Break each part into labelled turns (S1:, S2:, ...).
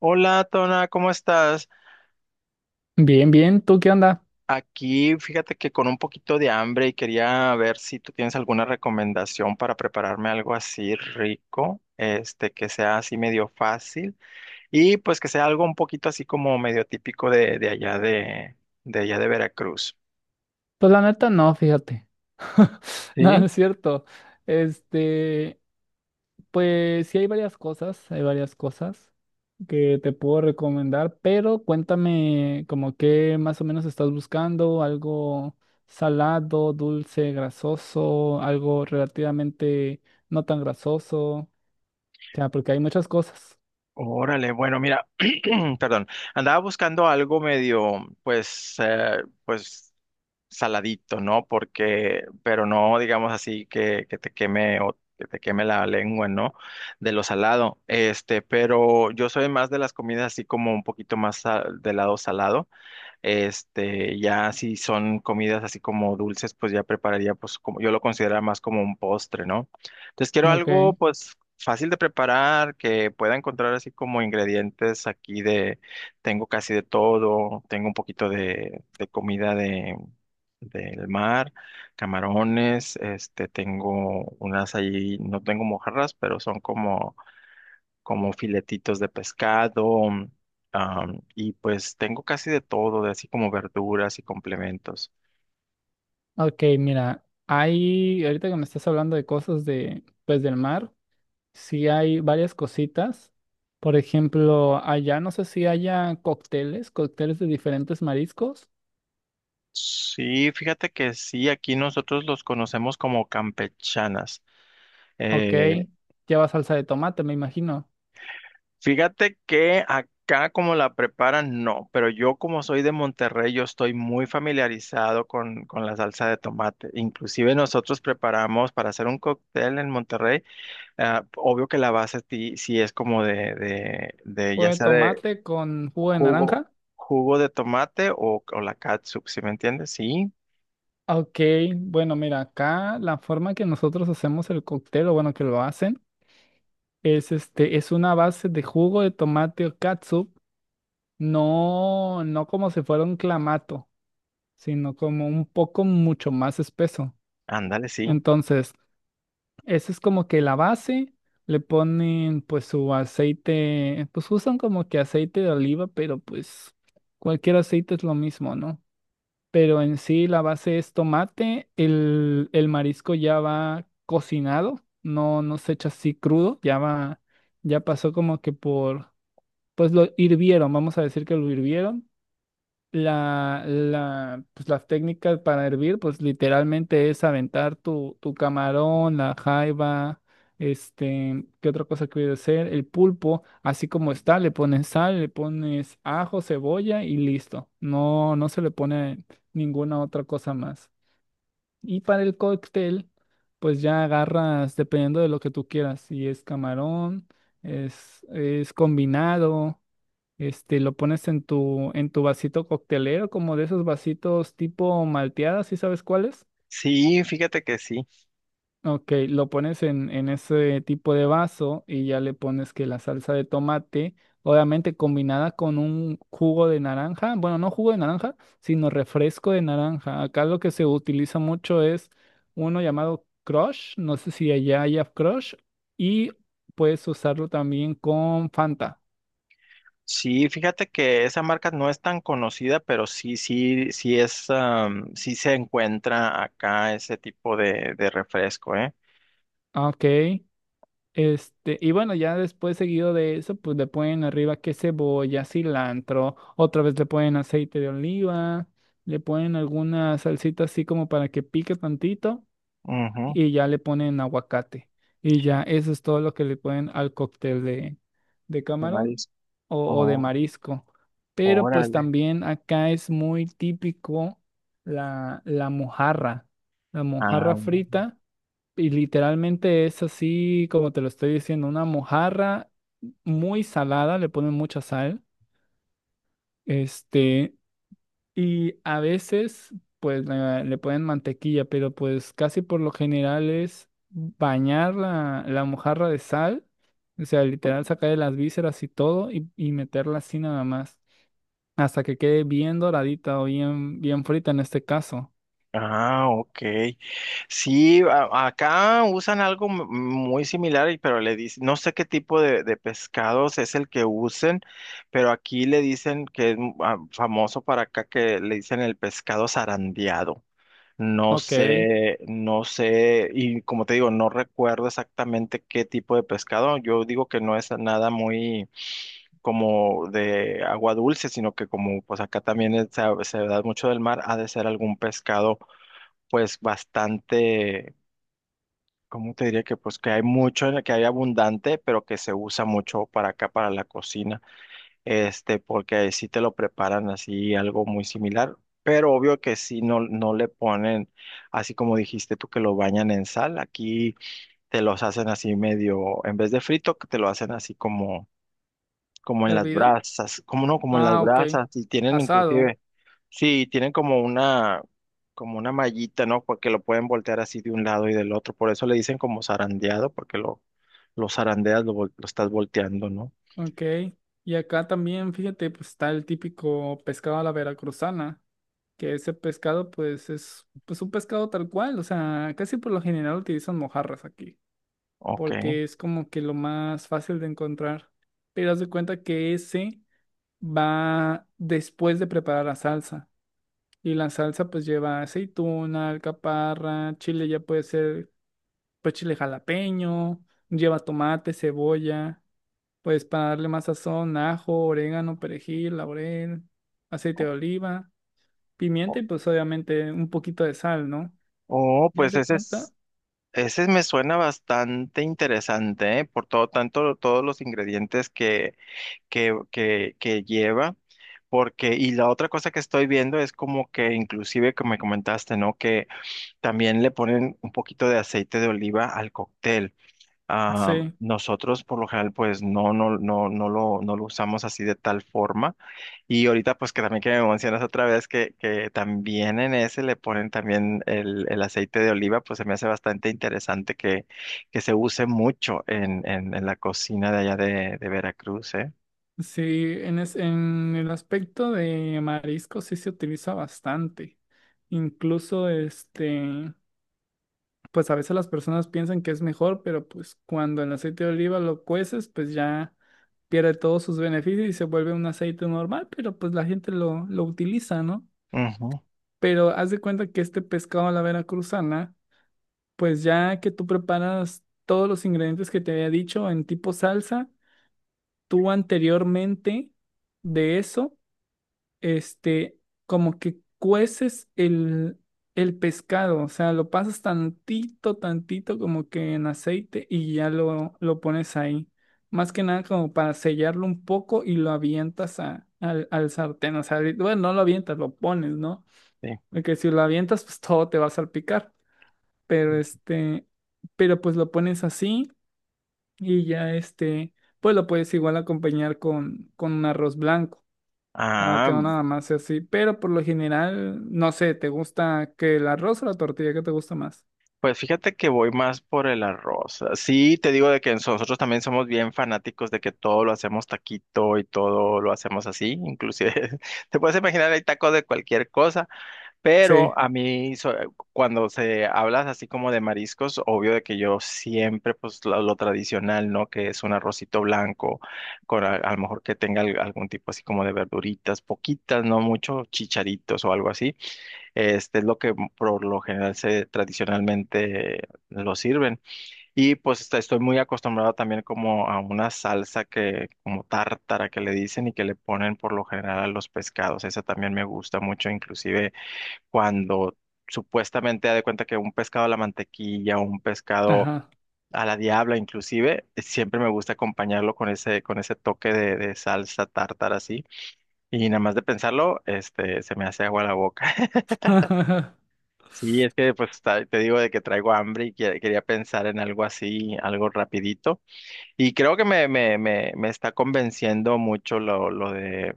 S1: Hola, Tona, ¿cómo estás?
S2: Bien, bien, ¿tú qué onda?
S1: Aquí, fíjate que con un poquito de hambre y quería ver si tú tienes alguna recomendación para prepararme algo así rico, este, que sea así medio fácil y pues que sea algo un poquito así como medio típico de allá de Veracruz.
S2: Pues la neta no, fíjate. No, no
S1: Sí,
S2: es cierto. Este, pues sí hay varias cosas que te puedo recomendar, pero cuéntame como qué más o menos estás buscando, algo salado, dulce, grasoso, algo relativamente no tan grasoso, o sea, porque hay muchas cosas.
S1: órale, bueno, mira, perdón, andaba buscando algo medio, pues saladito, ¿no? Porque, pero no, digamos así, que te queme o que te queme la lengua, ¿no? De lo salado. Este, pero yo soy más de las comidas así como un poquito más del lado salado. Este, ya si son comidas así como dulces, pues ya prepararía, pues como yo lo considero más como un postre, ¿no? Entonces quiero
S2: Ok,
S1: algo pues fácil de preparar, que pueda encontrar así como ingredientes aquí de, tengo casi de todo, tengo un poquito de comida del mar, camarones, este, tengo unas allí no tengo mojarras, pero son como filetitos de pescado, y pues tengo casi de todo, de así como verduras y complementos.
S2: ok, mira, hay, ahorita que me estás hablando de cosas de, pues del mar. Sí hay varias cositas. Por ejemplo, allá no sé si haya cócteles, cócteles de diferentes mariscos.
S1: Sí, fíjate que sí, aquí nosotros los conocemos como campechanas.
S2: Ok,
S1: Eh,
S2: lleva salsa de tomate, me imagino.
S1: fíjate que acá como la preparan, no, pero yo como soy de Monterrey, yo estoy muy familiarizado con la salsa de tomate. Inclusive nosotros preparamos para hacer un cóctel en Monterrey, obvio que la base sí, sí es como de,
S2: Jugo
S1: ya
S2: de
S1: sea de
S2: tomate con jugo de
S1: Jugo,
S2: naranja.
S1: jugo de tomate o la catsup, ¿sí me entiendes? Sí,
S2: Ok, bueno, mira, acá la forma que nosotros hacemos el cóctel, o bueno, que lo hacen, es es una base de jugo de tomate o catsup, no, no como si fuera un clamato, sino como un poco mucho más espeso.
S1: ándale, sí.
S2: Entonces, esa es como que la base, le ponen pues su aceite, pues usan como que aceite de oliva, pero pues cualquier aceite es lo mismo, ¿no? Pero en sí la base es tomate, el marisco ya va cocinado, no, no se echa así crudo, ya va, ya pasó como que por, pues lo hirvieron, vamos a decir que lo hirvieron la, pues las técnicas para hervir, pues literalmente es aventar tu camarón, la jaiba, ¿qué otra cosa que voy a hacer? El pulpo, así como está, le pones sal, le pones ajo, cebolla y listo. No, no se le pone ninguna otra cosa más. Y para el cóctel, pues ya agarras dependiendo de lo que tú quieras, si es camarón, es combinado. Lo pones en tu vasito coctelero, como de esos vasitos tipo malteadas, ¿sí sabes cuáles?
S1: Sí, fíjate que sí.
S2: Ok, lo pones en ese tipo de vaso y ya le pones que la salsa de tomate, obviamente combinada con un jugo de naranja, bueno, no jugo de naranja, sino refresco de naranja. Acá lo que se utiliza mucho es uno llamado Crush, no sé si allá haya Crush, y puedes usarlo también con Fanta.
S1: Sí, fíjate que esa marca no es tan conocida, pero sí, sí, sí es, sí se encuentra acá ese tipo de refresco, ¿eh?
S2: Ah, ok. Y bueno, ya después seguido de eso, pues le ponen arriba que cebolla, cilantro, otra vez le ponen aceite de oliva, le ponen alguna salsita así como para que pique tantito
S1: Ujú,
S2: y ya le ponen aguacate. Y ya eso es todo lo que le ponen al cóctel de
S1: de
S2: camarón
S1: marisco.
S2: o de
S1: Oh,
S2: marisco. Pero pues
S1: órale.
S2: también acá es muy típico la mojarra, la
S1: Ah.
S2: mojarra frita y literalmente es así como te lo estoy diciendo, una mojarra muy salada, le ponen mucha sal, este, y a veces pues le ponen mantequilla, pero pues casi por lo general es bañar la mojarra de sal, o sea, literal sacar las vísceras y todo y meterla así nada más, hasta que quede bien doradita o bien, bien frita en este caso.
S1: Ah, ok. Sí, acá usan algo muy similar, pero le dicen, no sé qué tipo de pescados es el que usen, pero aquí le dicen que es famoso para acá que le dicen el pescado zarandeado. No
S2: Ok,
S1: sé, no sé, y como te digo, no recuerdo exactamente qué tipo de pescado. Yo digo que no es nada muy como de agua dulce, sino que como pues acá también se da mucho del mar, ha de ser algún pescado pues bastante, ¿cómo te diría que pues que hay mucho, en el que hay abundante, pero que se usa mucho para acá, para la cocina, este, porque ahí sí te lo preparan así algo muy similar, pero obvio que sí no le ponen, así como dijiste tú que lo bañan en sal, aquí te los hacen así medio, en vez de frito, que te lo hacen así como en las
S2: hervido.
S1: brasas, como no, como en las
S2: Ah, ok.
S1: brasas, y tienen
S2: Asado.
S1: inclusive. Sí, tienen como una mallita, ¿no? Porque lo pueden voltear así de un lado y del otro. Por eso le dicen como zarandeado, porque lo zarandeas, lo estás volteando, ¿no?
S2: Ok, y acá también, fíjate, pues está el típico pescado a la veracruzana, que ese pescado pues es pues un pescado tal cual, o sea, casi por lo general utilizan mojarras aquí,
S1: Ok.
S2: porque es como que lo más fácil de encontrar. Pero haz de cuenta que ese va después de preparar la salsa, y la salsa pues lleva aceituna, alcaparra, chile ya puede ser pues chile jalapeño, lleva tomate, cebolla. Pues para darle más sazón, ajo, orégano, perejil, laurel, aceite
S1: O-
S2: de oliva, pimienta
S1: o-
S2: y pues obviamente un poquito de sal, ¿no?
S1: Oh,
S2: ¿Ya
S1: pues
S2: se
S1: ese es,
S2: cuenta?
S1: ese me suena bastante interesante, ¿eh? Por todo tanto, todos los ingredientes que lleva. Porque, y la otra cosa que estoy viendo es como que inclusive que me comentaste, ¿no? Que también le ponen un poquito de aceite de oliva al cóctel. Ah,
S2: Sí,
S1: nosotros por lo general pues no lo usamos así de tal forma. Y ahorita pues que también que me mencionas otra vez que también en ese le ponen también el aceite de oliva, pues se me hace bastante interesante que se use mucho en la cocina de allá de Veracruz, ¿eh?
S2: sí, en el aspecto de marisco sí se utiliza bastante. Incluso pues a veces las personas piensan que es mejor, pero pues cuando el aceite de oliva lo cueces, pues ya pierde todos sus beneficios y se vuelve un aceite normal, pero pues la gente lo utiliza, ¿no?
S1: Ujú,
S2: Pero haz de cuenta que este pescado a la veracruzana, pues ya que tú preparas todos los ingredientes que te había dicho en tipo salsa, tú anteriormente de eso, este, como que cueces el pescado, o sea, lo pasas tantito, tantito como que en aceite y ya lo pones ahí. Más que nada como para sellarlo un poco y lo avientas al al sartén, o sea, bueno, no lo avientas, lo pones, ¿no?
S1: sí.
S2: que si lo avientas, pues todo te va a salpicar. Pero este, pero pues lo pones así y ya pues lo puedes igual acompañar con un arroz blanco, para
S1: Ah,
S2: que no nada más sea así. Pero por lo general, no sé, ¿te gusta que el arroz o la tortilla? ¿Qué te gusta más?
S1: pues fíjate que voy más por el arroz. Sí, te digo de que nosotros también somos bien fanáticos de que todo lo hacemos taquito y todo lo hacemos así, inclusive te puedes imaginar hay tacos de cualquier cosa,
S2: Sí,
S1: pero a mí cuando se hablas así como de mariscos, obvio de que yo siempre pues lo tradicional, ¿no? Que es un arrocito blanco con a lo mejor que tenga algún tipo así como de verduritas, poquitas, no mucho, chicharitos o algo así este es lo que por lo general se tradicionalmente lo sirven. Y pues estoy muy acostumbrado también como a una salsa que, como tártara que le dicen y que le ponen por lo general a los pescados. Esa también me gusta mucho, inclusive cuando supuestamente da de cuenta que un pescado a la mantequilla, un pescado
S2: ajá.
S1: a la diabla, inclusive, siempre me gusta acompañarlo con ese toque de salsa tártara así. Y nada más de pensarlo, este, se me hace agua la boca. Sí, es que pues te digo de que traigo hambre y quería pensar en algo así, algo rapidito. Y creo que me está convenciendo mucho lo de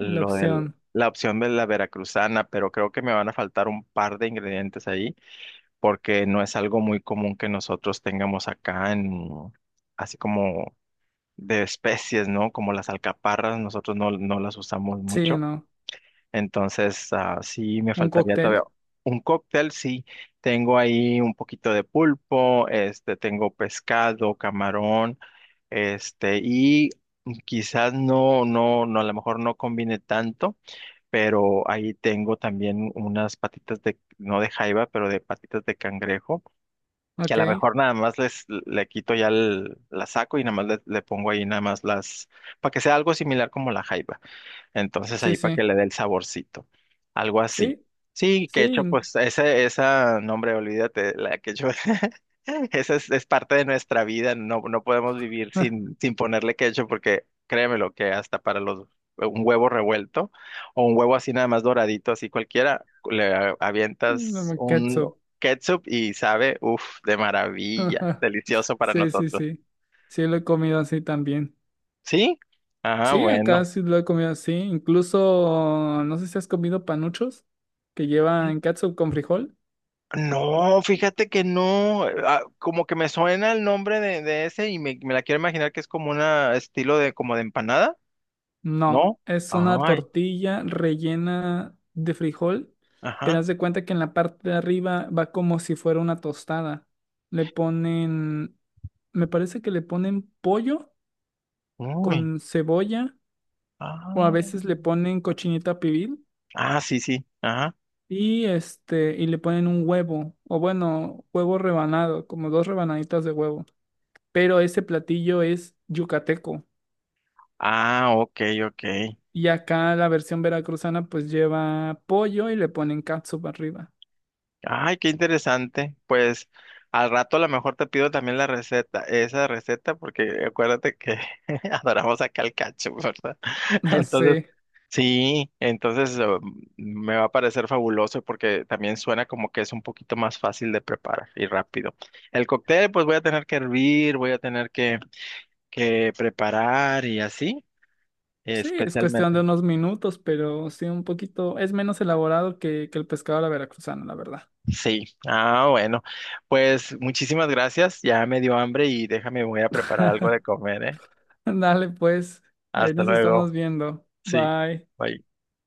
S2: La
S1: del-
S2: opción.
S1: la opción de la veracruzana, pero creo que me van a faltar un par de ingredientes ahí, porque no es algo muy común que nosotros tengamos acá en así como de especies, ¿no? Como las alcaparras, nosotros no las usamos
S2: Sí,
S1: mucho.
S2: no.
S1: Entonces, sí me
S2: Un
S1: faltaría todavía
S2: cóctel.
S1: un cóctel, sí. Tengo ahí un poquito de pulpo, este, tengo pescado, camarón, este, y quizás no, a lo mejor no combine tanto, pero ahí tengo también unas patitas de, no de jaiba, pero de patitas de cangrejo, que a
S2: Ok.
S1: lo mejor nada más le quito ya la saco y nada más le pongo ahí nada más las, para que sea algo similar como la jaiba. Entonces
S2: Sí,
S1: ahí para
S2: sí.
S1: que le dé el saborcito. Algo así.
S2: Sí,
S1: Sí, que hecho,
S2: sí.
S1: pues ese, esa, no hombre, olvídate, la que hecho, esa es parte de nuestra vida, no podemos vivir sin ponerle hecho, porque créemelo que hasta para los, un huevo revuelto o un huevo así nada más doradito, así cualquiera, le avientas
S2: No,
S1: un
S2: ketchup.
S1: ketchup y sabe, uff, de maravilla, delicioso para
S2: Sí, sí,
S1: nosotros.
S2: sí. Sí, lo he comido así también.
S1: ¿Sí? Ah,
S2: Sí, acá
S1: bueno.
S2: sí lo he comido así. Incluso, no sé si has comido panuchos que llevan catsup con frijol.
S1: No, fíjate que no, como que me suena el nombre de ese y me la quiero imaginar que es como una estilo de como de empanada,
S2: No,
S1: ¿no?
S2: es una
S1: Ay,
S2: tortilla rellena de frijol, pero
S1: ajá,
S2: haz de cuenta que en la parte de arriba va como si fuera una tostada. Le ponen, me parece que le ponen pollo
S1: uy,
S2: con cebolla o a
S1: ah,
S2: veces le ponen cochinita pibil
S1: ah, sí, sí, ajá,
S2: y este y le ponen un huevo o bueno, huevo rebanado, como dos rebanaditas de huevo. Pero ese platillo es yucateco.
S1: ah, ok, ok,
S2: Y acá la versión veracruzana pues lleva pollo y le ponen catsup arriba.
S1: ay, qué interesante, pues al rato a lo mejor te pido también la receta, esa receta, porque acuérdate que adoramos acá el cacho, ¿verdad?
S2: No sé.
S1: Entonces, sí, entonces me va a parecer fabuloso porque también suena como que es un poquito más fácil de preparar y rápido. El cóctel pues voy a tener que hervir, voy a tener que preparar y así,
S2: Sí, es cuestión
S1: especialmente.
S2: de unos minutos, pero sí un poquito, es menos elaborado que el pescado a la veracruzana, la verdad.
S1: Sí, bueno, pues muchísimas gracias, ya me dio hambre y déjame, voy a preparar algo de comer, ¿eh?
S2: Dale pues, ahí
S1: Hasta
S2: nos estamos
S1: luego,
S2: viendo.
S1: sí,
S2: Bye.
S1: bye.